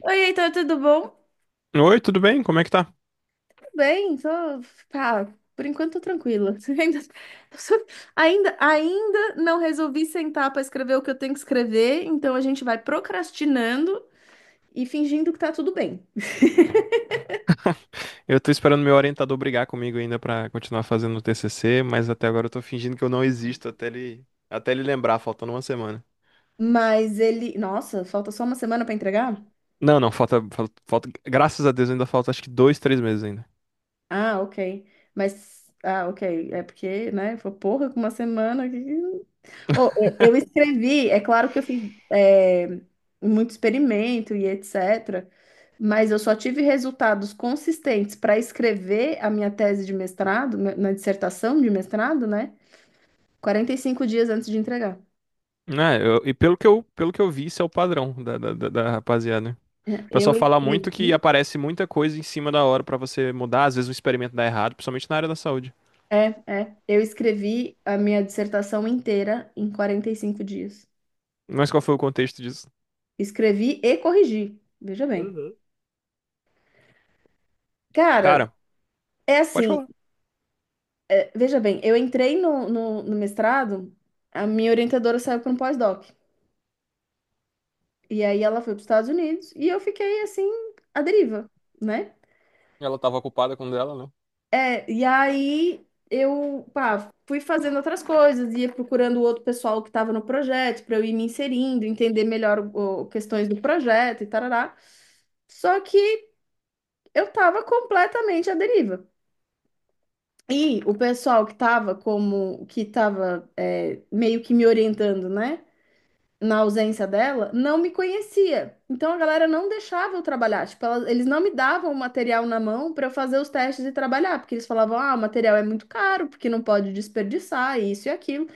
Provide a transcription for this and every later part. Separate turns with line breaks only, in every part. Oi, Heitor, tudo bom?
Oi, tudo bem? Como é que tá?
Tudo bem, tô, pá, por enquanto tô tranquila. Ainda não resolvi sentar para escrever o que eu tenho que escrever, então a gente vai procrastinando e fingindo que tá tudo bem.
Eu tô esperando meu orientador brigar comigo ainda pra continuar fazendo o TCC, mas até agora eu tô fingindo que eu não existo até ele lembrar, faltando uma semana.
Mas ele, nossa, falta só uma semana para entregar?
Não, não, graças a Deus ainda falta acho que dois, três meses ainda.
Ah, ok. Mas, ah, ok. É porque, né? Foi porra, com uma semana aqui. Oh, eu escrevi, é claro que eu fiz muito experimento e etc., mas eu só tive resultados consistentes para escrever a minha tese de mestrado, na dissertação de mestrado, né? 45 dias antes de entregar.
Né, e pelo que eu vi, isso é o padrão da rapaziada.
É,
O
eu
pessoal fala muito que
escrevi.
aparece muita coisa em cima da hora pra você mudar, às vezes o experimento dá errado, principalmente na área da saúde.
É, é, eu escrevi a minha dissertação inteira em 45 dias.
Mas qual foi o contexto disso?
Escrevi e corrigi, veja bem. Cara,
Cara,
é
pode
assim.
falar.
Veja bem, eu entrei no mestrado, a minha orientadora saiu para um pós-doc. E aí ela foi para os Estados Unidos e eu fiquei assim, à deriva, né?
Ela tava ocupada com o dela, né?
É, e aí eu, pá, fui fazendo outras coisas, ia procurando outro pessoal que estava no projeto para eu ir me inserindo, entender melhor questões do projeto e tarará. Só que eu estava completamente à deriva. E o pessoal que estava como, que estava meio que me orientando, né? Na ausência dela, não me conhecia. Então a galera não deixava eu trabalhar. Tipo, eles não me davam o material na mão para eu fazer os testes e trabalhar, porque eles falavam, ah, o material é muito caro, porque não pode desperdiçar, isso e aquilo.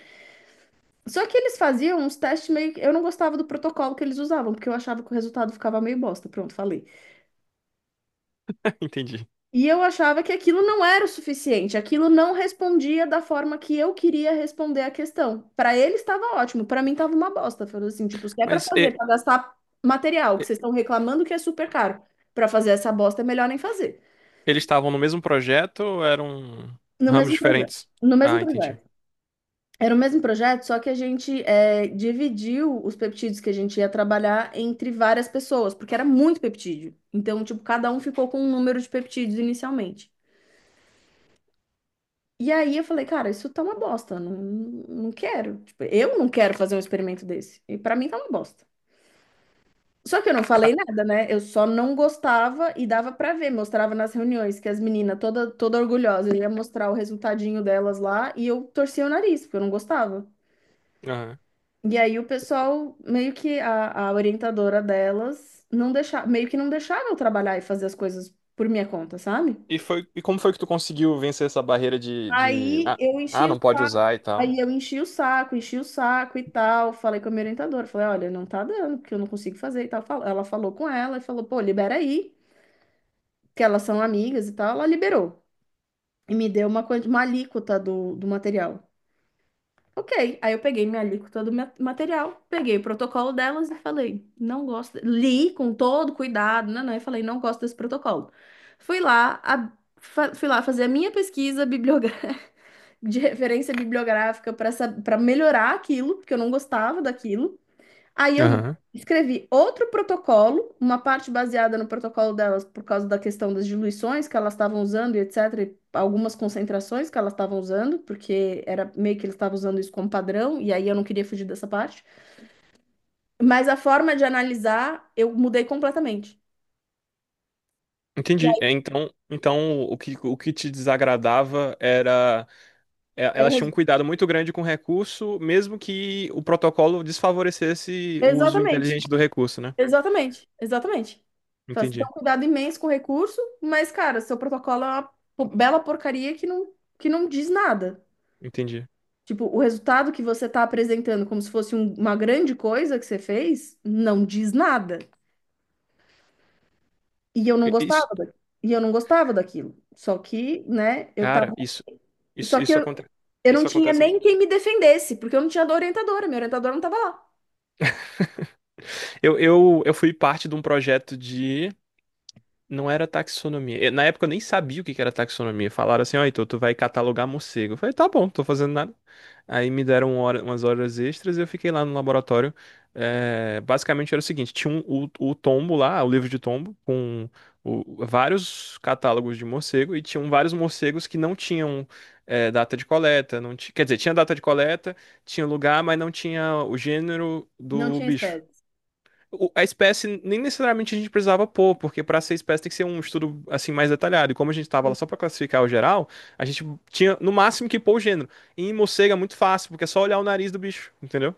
Só que eles faziam uns testes meio que. Eu não gostava do protocolo que eles usavam, porque eu achava que o resultado ficava meio bosta. Pronto, falei.
Entendi.
E eu achava que aquilo não era o suficiente, aquilo não respondia da forma que eu queria responder a questão. Para ele estava ótimo, para mim estava uma bosta. Falou assim, tipo, se é para
Mas
fazer,
e-
para gastar material, que
e-
vocês estão reclamando que é super caro, para fazer essa bosta é melhor nem fazer.
Eles estavam no mesmo projeto ou eram
No
ramos
mesmo projeto,
diferentes?
no mesmo
Ah, entendi.
projeto. Era o mesmo projeto, só que a gente dividiu os peptídeos que a gente ia trabalhar entre várias pessoas, porque era muito peptídeo. Então, tipo, cada um ficou com um número de peptídeos inicialmente. E aí eu falei, cara, isso tá uma bosta, não, não quero. Tipo, eu não quero fazer um experimento desse. E pra mim tá uma bosta. Só que eu não
Ca-
falei nada, né? Eu só não gostava e dava pra ver, mostrava nas reuniões que as meninas toda toda orgulhosa ia mostrar o resultadinho delas lá e eu torcia o nariz, porque eu não gostava.
Aham.
E aí o pessoal meio que a orientadora delas não deixava, meio que não deixava eu trabalhar e fazer as coisas por minha conta, sabe?
E foi, e como foi que tu conseguiu vencer essa barreira de...
Aí
Ah,
eu
ah,
enchi o
não pode
saco,
usar e tal?
aí eu enchi o saco e tal. Falei com a minha orientadora, falei, olha, não tá dando, porque eu não consigo fazer e tal. Ela falou com ela e falou, pô, libera aí, que elas são amigas e tal. Ela liberou e me deu uma, uma alíquota do material. Ok, aí eu peguei minha alíquota do material, peguei o protocolo delas e falei, não gosto, li com todo cuidado, né, e falei, não gosto desse protocolo. Fui lá, fui lá fazer a minha pesquisa bibliográfica de referência bibliográfica para para melhorar aquilo, porque eu não gostava daquilo. Aí eu
Aham.
escrevi outro protocolo, uma parte baseada no protocolo delas por causa da questão das diluições que elas estavam usando e etc, e algumas concentrações que elas estavam usando, porque era meio que eles estavam usando isso como padrão, e aí eu não queria fugir dessa parte. Mas a forma de analisar eu mudei completamente. E
Entendi. É,
aí
então o que te desagradava era é, elas
era
tinham um cuidado muito grande com o recurso, mesmo que o protocolo desfavorecesse o uso
exatamente.
inteligente do recurso, né?
Exatamente, exatamente. Então, você tem
Entendi,
um cuidado imenso com o recurso, mas, cara, seu protocolo é uma bela porcaria que não diz nada.
entendi.
Tipo, o resultado que você está apresentando como se fosse uma grande coisa que você fez, não diz nada. E eu não
Isso,
gostava e eu não gostava daquilo. Só que, né, eu
cara,
tava, só que
isso
eu,
acontece.
eu não
Isso
tinha
acontece.
nem quem me defendesse, porque eu não tinha orientadora, minha orientadora não estava lá.
Eu fui parte de um projeto de Não era taxonomia. Na época eu nem sabia o que que era taxonomia. Falaram assim, ó, então tu vai catalogar morcego. Eu falei, tá bom, não tô fazendo nada. Aí me deram umas horas extras e eu fiquei lá no laboratório. É, basicamente era o seguinte, tinha o tombo lá, o livro de tombo, com vários catálogos de morcego e tinham vários morcegos que não tinham é, data de coleta. Não ti- quer dizer, tinha data de coleta, tinha lugar, mas não tinha o gênero
Não
do
tinha
bicho
espécie.
a espécie nem necessariamente a gente precisava pôr, porque para ser espécie tem que ser um estudo assim mais detalhado. E como a gente estava lá só para classificar o geral, a gente tinha no máximo que pôr o gênero. E em morcego é muito fácil, porque é só olhar o nariz do bicho, entendeu?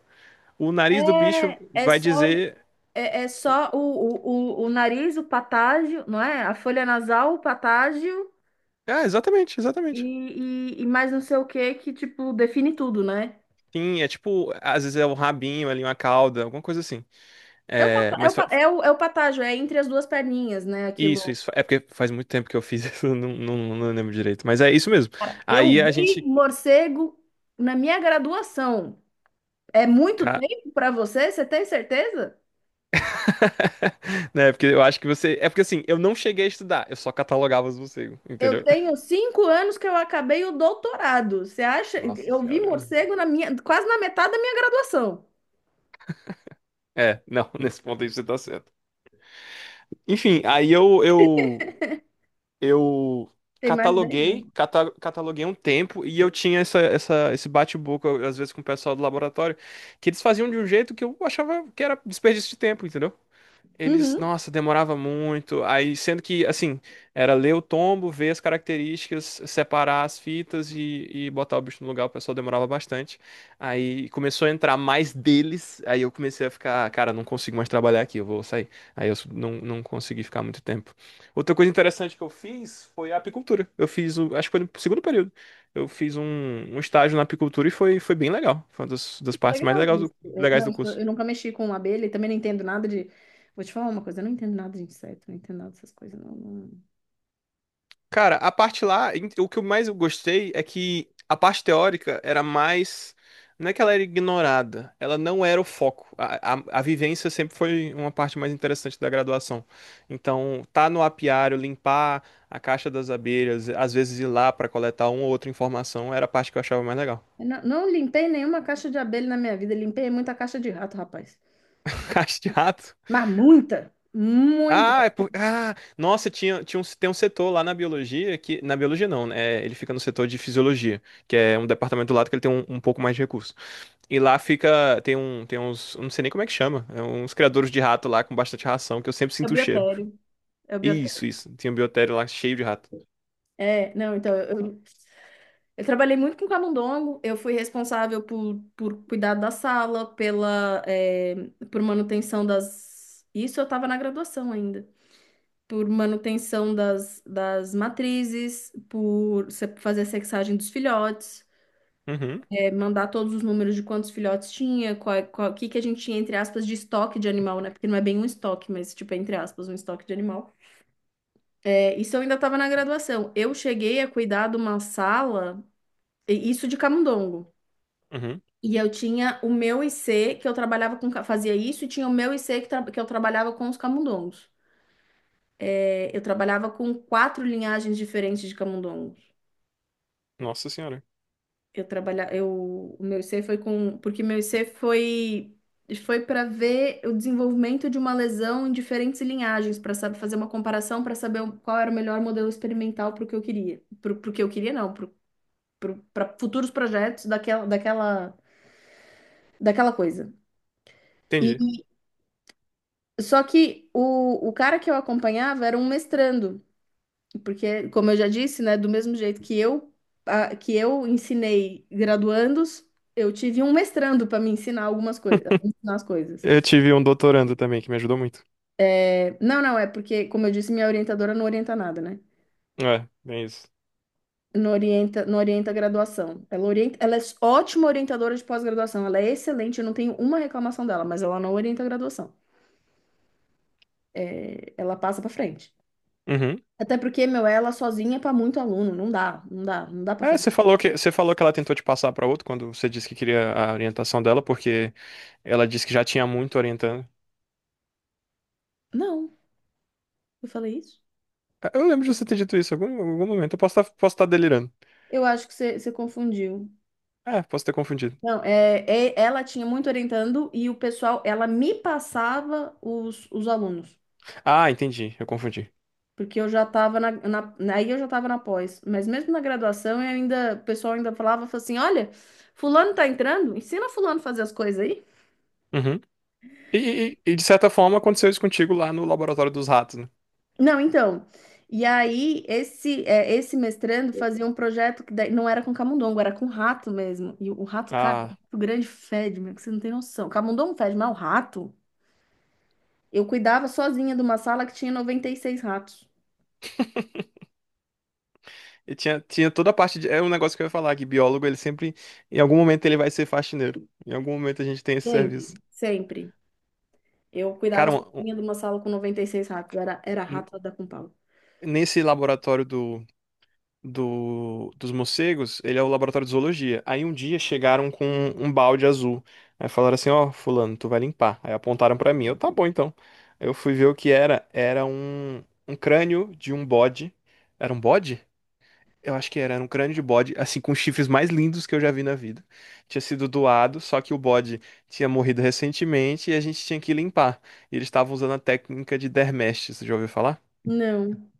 O nariz do bicho
É, é
vai
só.
dizer.
É, é só o nariz, o patágio, não é? A folha nasal, o patágio
Ah, exatamente, exatamente.
e mais não sei o que que, tipo, define tudo, né?
Sim, é tipo, às vezes é o rabinho ali, uma cauda, alguma coisa assim.
É o,
É,
pata- é o, pa- é o, é o patágio, é entre as duas perninhas, né?
isso,
Aquilo.
isso. É porque faz muito tempo que eu fiz isso, não lembro direito. Mas é isso mesmo.
Cara, eu
Aí a
vi
gente.
morcego na minha graduação. É muito tempo para você? Você tem certeza?
Né? Porque eu acho que você. É porque assim, eu não cheguei a estudar, eu só catalogava os morcegos,
Eu
entendeu?
tenho 5 anos que eu acabei o doutorado. Você acha?
Nossa
Eu vi
senhora.
morcego na minha, quase na metade da minha graduação.
É, não, nesse ponto aí você tá certo. Enfim, aí eu
Tem mais de 10
cataloguei,
anos.
cataloguei um tempo e eu tinha esse bate-boca, às vezes, com o pessoal do laboratório, que eles faziam de um jeito que eu achava que era desperdício de tempo, entendeu? Eles,
Uhum.
nossa, demorava muito. Aí, sendo que, assim, era ler o tombo, ver as características, separar as fitas e botar o bicho no lugar, o pessoal demorava bastante. Aí começou a entrar mais deles, aí eu comecei a ficar, cara, não consigo mais trabalhar aqui, eu vou sair. Aí eu não consegui ficar muito tempo. Outra coisa interessante que eu fiz foi a apicultura. Eu fiz, acho que foi no segundo período. Eu fiz um estágio na apicultura e foi, foi bem legal. Foi uma das partes mais
Legal isso. É,
legais
não,
do curso.
eu nunca mexi com abelha e também não entendo nada de. Vou te falar uma coisa, eu não entendo nada de inseto, não entendo nada dessas coisas. Não, não,
Cara, a parte lá, o que eu mais gostei é que a parte teórica era mais. Não é que ela era ignorada, ela não era o foco. A vivência sempre foi uma parte mais interessante da graduação. Então, tá no apiário, limpar a caixa das abelhas, às vezes ir lá pra coletar uma ou outra informação, era a parte que eu achava mais legal.
eu não, não limpei nenhuma caixa de abelha na minha vida, limpei muita caixa de rato, rapaz.
Caixa de rato.
Mas muita, muita.
Ah, é por... ah, nossa, tem um setor lá na biologia que. Na biologia não, né? Ele fica no setor de fisiologia, que é um departamento do lado que ele tem um um pouco mais de recurso. E lá fica. Tem um. Tem uns. Eu Não sei nem como é que chama. É uns criadores de rato lá com bastante ração, que eu sempre
É o
sinto o cheiro.
biotério. É o
Isso,
biotério.
isso. Tinha um biotério lá cheio de rato.
É, não, então, eu trabalhei muito com camundongo, eu fui responsável por cuidar da sala, pela, é, por manutenção das. Isso eu estava na graduação ainda. Por manutenção das matrizes, por fazer a sexagem dos filhotes,
Uhum,
é, mandar todos os números de quantos filhotes tinha, qual, o que que a gente tinha, entre aspas, de estoque de animal, né? Porque não é bem um estoque, mas, tipo, é, entre aspas, um estoque de animal. É, isso eu ainda estava na graduação. Eu cheguei a cuidar de uma sala, isso de camundongo.
uhum.
E eu tinha o meu IC, que eu trabalhava com, fazia isso, e tinha o meu IC que, que eu trabalhava com os camundongos. É, eu trabalhava com quatro linhagens diferentes de camundongos.
Nossa senhora.
Eu trabalha, eu, o meu I C foi com, porque meu I C foi para ver o desenvolvimento de uma lesão em diferentes linhagens, para saber fazer uma comparação, para saber qual era o melhor modelo experimental para o que eu queria, para o que eu queria não, para futuros projetos daquela daquela daquela coisa.
Entendi.
E só que o cara que eu acompanhava era um mestrando. Porque, como eu já disse, né, do mesmo jeito que eu, que eu ensinei graduandos, eu tive um mestrando para me ensinar algumas coisas, ensinar as coisas.
Eu tive um doutorando também que me ajudou muito.
É, não, não, é porque, como eu disse, minha orientadora não orienta nada, né?
É, bem isso.
Não orienta, não orienta a graduação. Ela orienta, ela é ótima orientadora de pós-graduação, ela é excelente, eu não tenho uma reclamação dela, mas ela não orienta a graduação. É, ela passa para frente.
Uhum.
Até porque, meu, ela sozinha é para muito aluno, não dá, não dá, não dá para
É,
fazer.
você falou que ela tentou te passar pra outro quando você disse que queria a orientação dela, porque ela disse que já tinha muito orientando.
Não, eu falei isso?
É, eu lembro de você ter dito isso em algum momento. Eu posso estar delirando.
Eu acho que você confundiu.
É, posso ter confundido.
Não, é, ela tinha muito orientando e o pessoal, ela me passava os alunos,
Ah, entendi. Eu confundi.
porque eu já estava aí eu já estava na pós, mas mesmo na graduação eu ainda, o pessoal ainda falava assim, olha, fulano tá entrando, ensina fulano a fazer as coisas aí.
Uhum. E de certa forma aconteceu isso contigo lá no laboratório dos ratos, né?
Não, então, e aí esse é, esse mestrando fazia um projeto que daí não era com camundongo, era com rato mesmo, e o rato, cara,
Ah,
o grande fede, meu, que você não tem noção, camundongo fede, mas o rato... Eu cuidava sozinha de uma sala que tinha 96 ratos.
e tinha toda a parte de. É um negócio que eu ia falar, que biólogo, ele sempre. Em algum momento ele vai ser faxineiro. Em algum momento a gente tem esse
Sempre,
serviço.
sempre. Eu cuidava
Cara,
sozinha de uma sala com 96 ratos. Era, era
um-
rato da com pau.
nesse laboratório do do, dos morcegos, ele é o laboratório de zoologia. Aí um dia chegaram com um balde azul. Aí falaram assim, ó, fulano, tu vai limpar. Aí apontaram pra mim. Eu, tá bom, então. Aí eu fui ver o que era. Era um crânio de um bode. Era um bode? Eu acho que era, era um crânio de bode, assim, com os chifres mais lindos que eu já vi na vida. Tinha sido doado, só que o bode tinha morrido recentemente e a gente tinha que limpar. E eles estavam usando a técnica de dermestes, você já ouviu falar?
Não.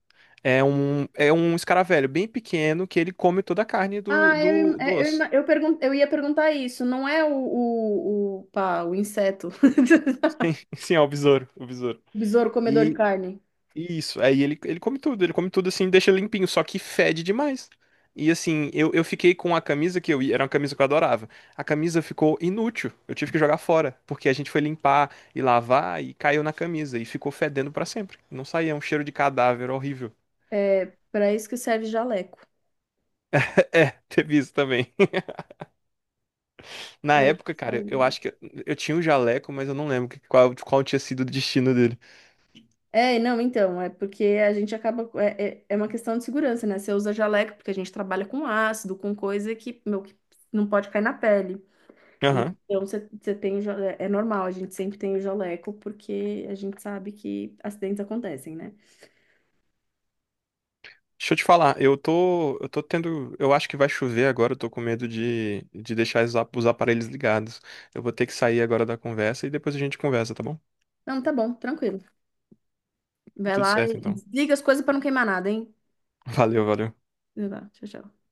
É um escaravelho bem pequeno que ele come toda a carne do,
Ah, eu,
do, do
é, eu,
osso.
eu, pergun eu ia perguntar isso. Não é o, pá, o inseto.
Sim, é o besouro, o besouro.
O besouro comedor de
E,
carne.
e isso, aí ele, ele come tudo assim, deixa limpinho, só que fede demais. E assim, eu fiquei com a camisa que eu ia, era uma camisa que eu adorava. A camisa ficou inútil, eu tive que jogar fora, porque a gente foi limpar e lavar e caiu na camisa e ficou fedendo pra sempre. Não saía, é um cheiro de cadáver horrível.
É para isso que serve jaleco.
É, teve isso também. Na
Pra isso
época,
que
cara,
serve
eu
jaleco.
acho que eu tinha o jaleco, mas eu não lembro qual, qual tinha sido o destino dele.
É, não, então, é porque a gente acaba. É, é, uma questão de segurança, né? Você usa jaleco porque a gente trabalha com ácido, com coisa que, meu, que não pode cair na pele.
Aham.
Então, você é normal, a gente sempre tem o jaleco, porque a gente sabe que acidentes acontecem, né?
Deixa eu te falar, eu tô tendo, eu acho que vai chover agora, eu tô com medo de deixar os os aparelhos ligados. Eu vou ter que sair agora da conversa e depois a gente conversa, tá bom?
Não, tá bom, tranquilo. Vai
Tudo
lá
certo,
e
então.
desliga as coisas pra não queimar nada, hein?
Valeu, valeu.
Vai lá, tchau, tchau.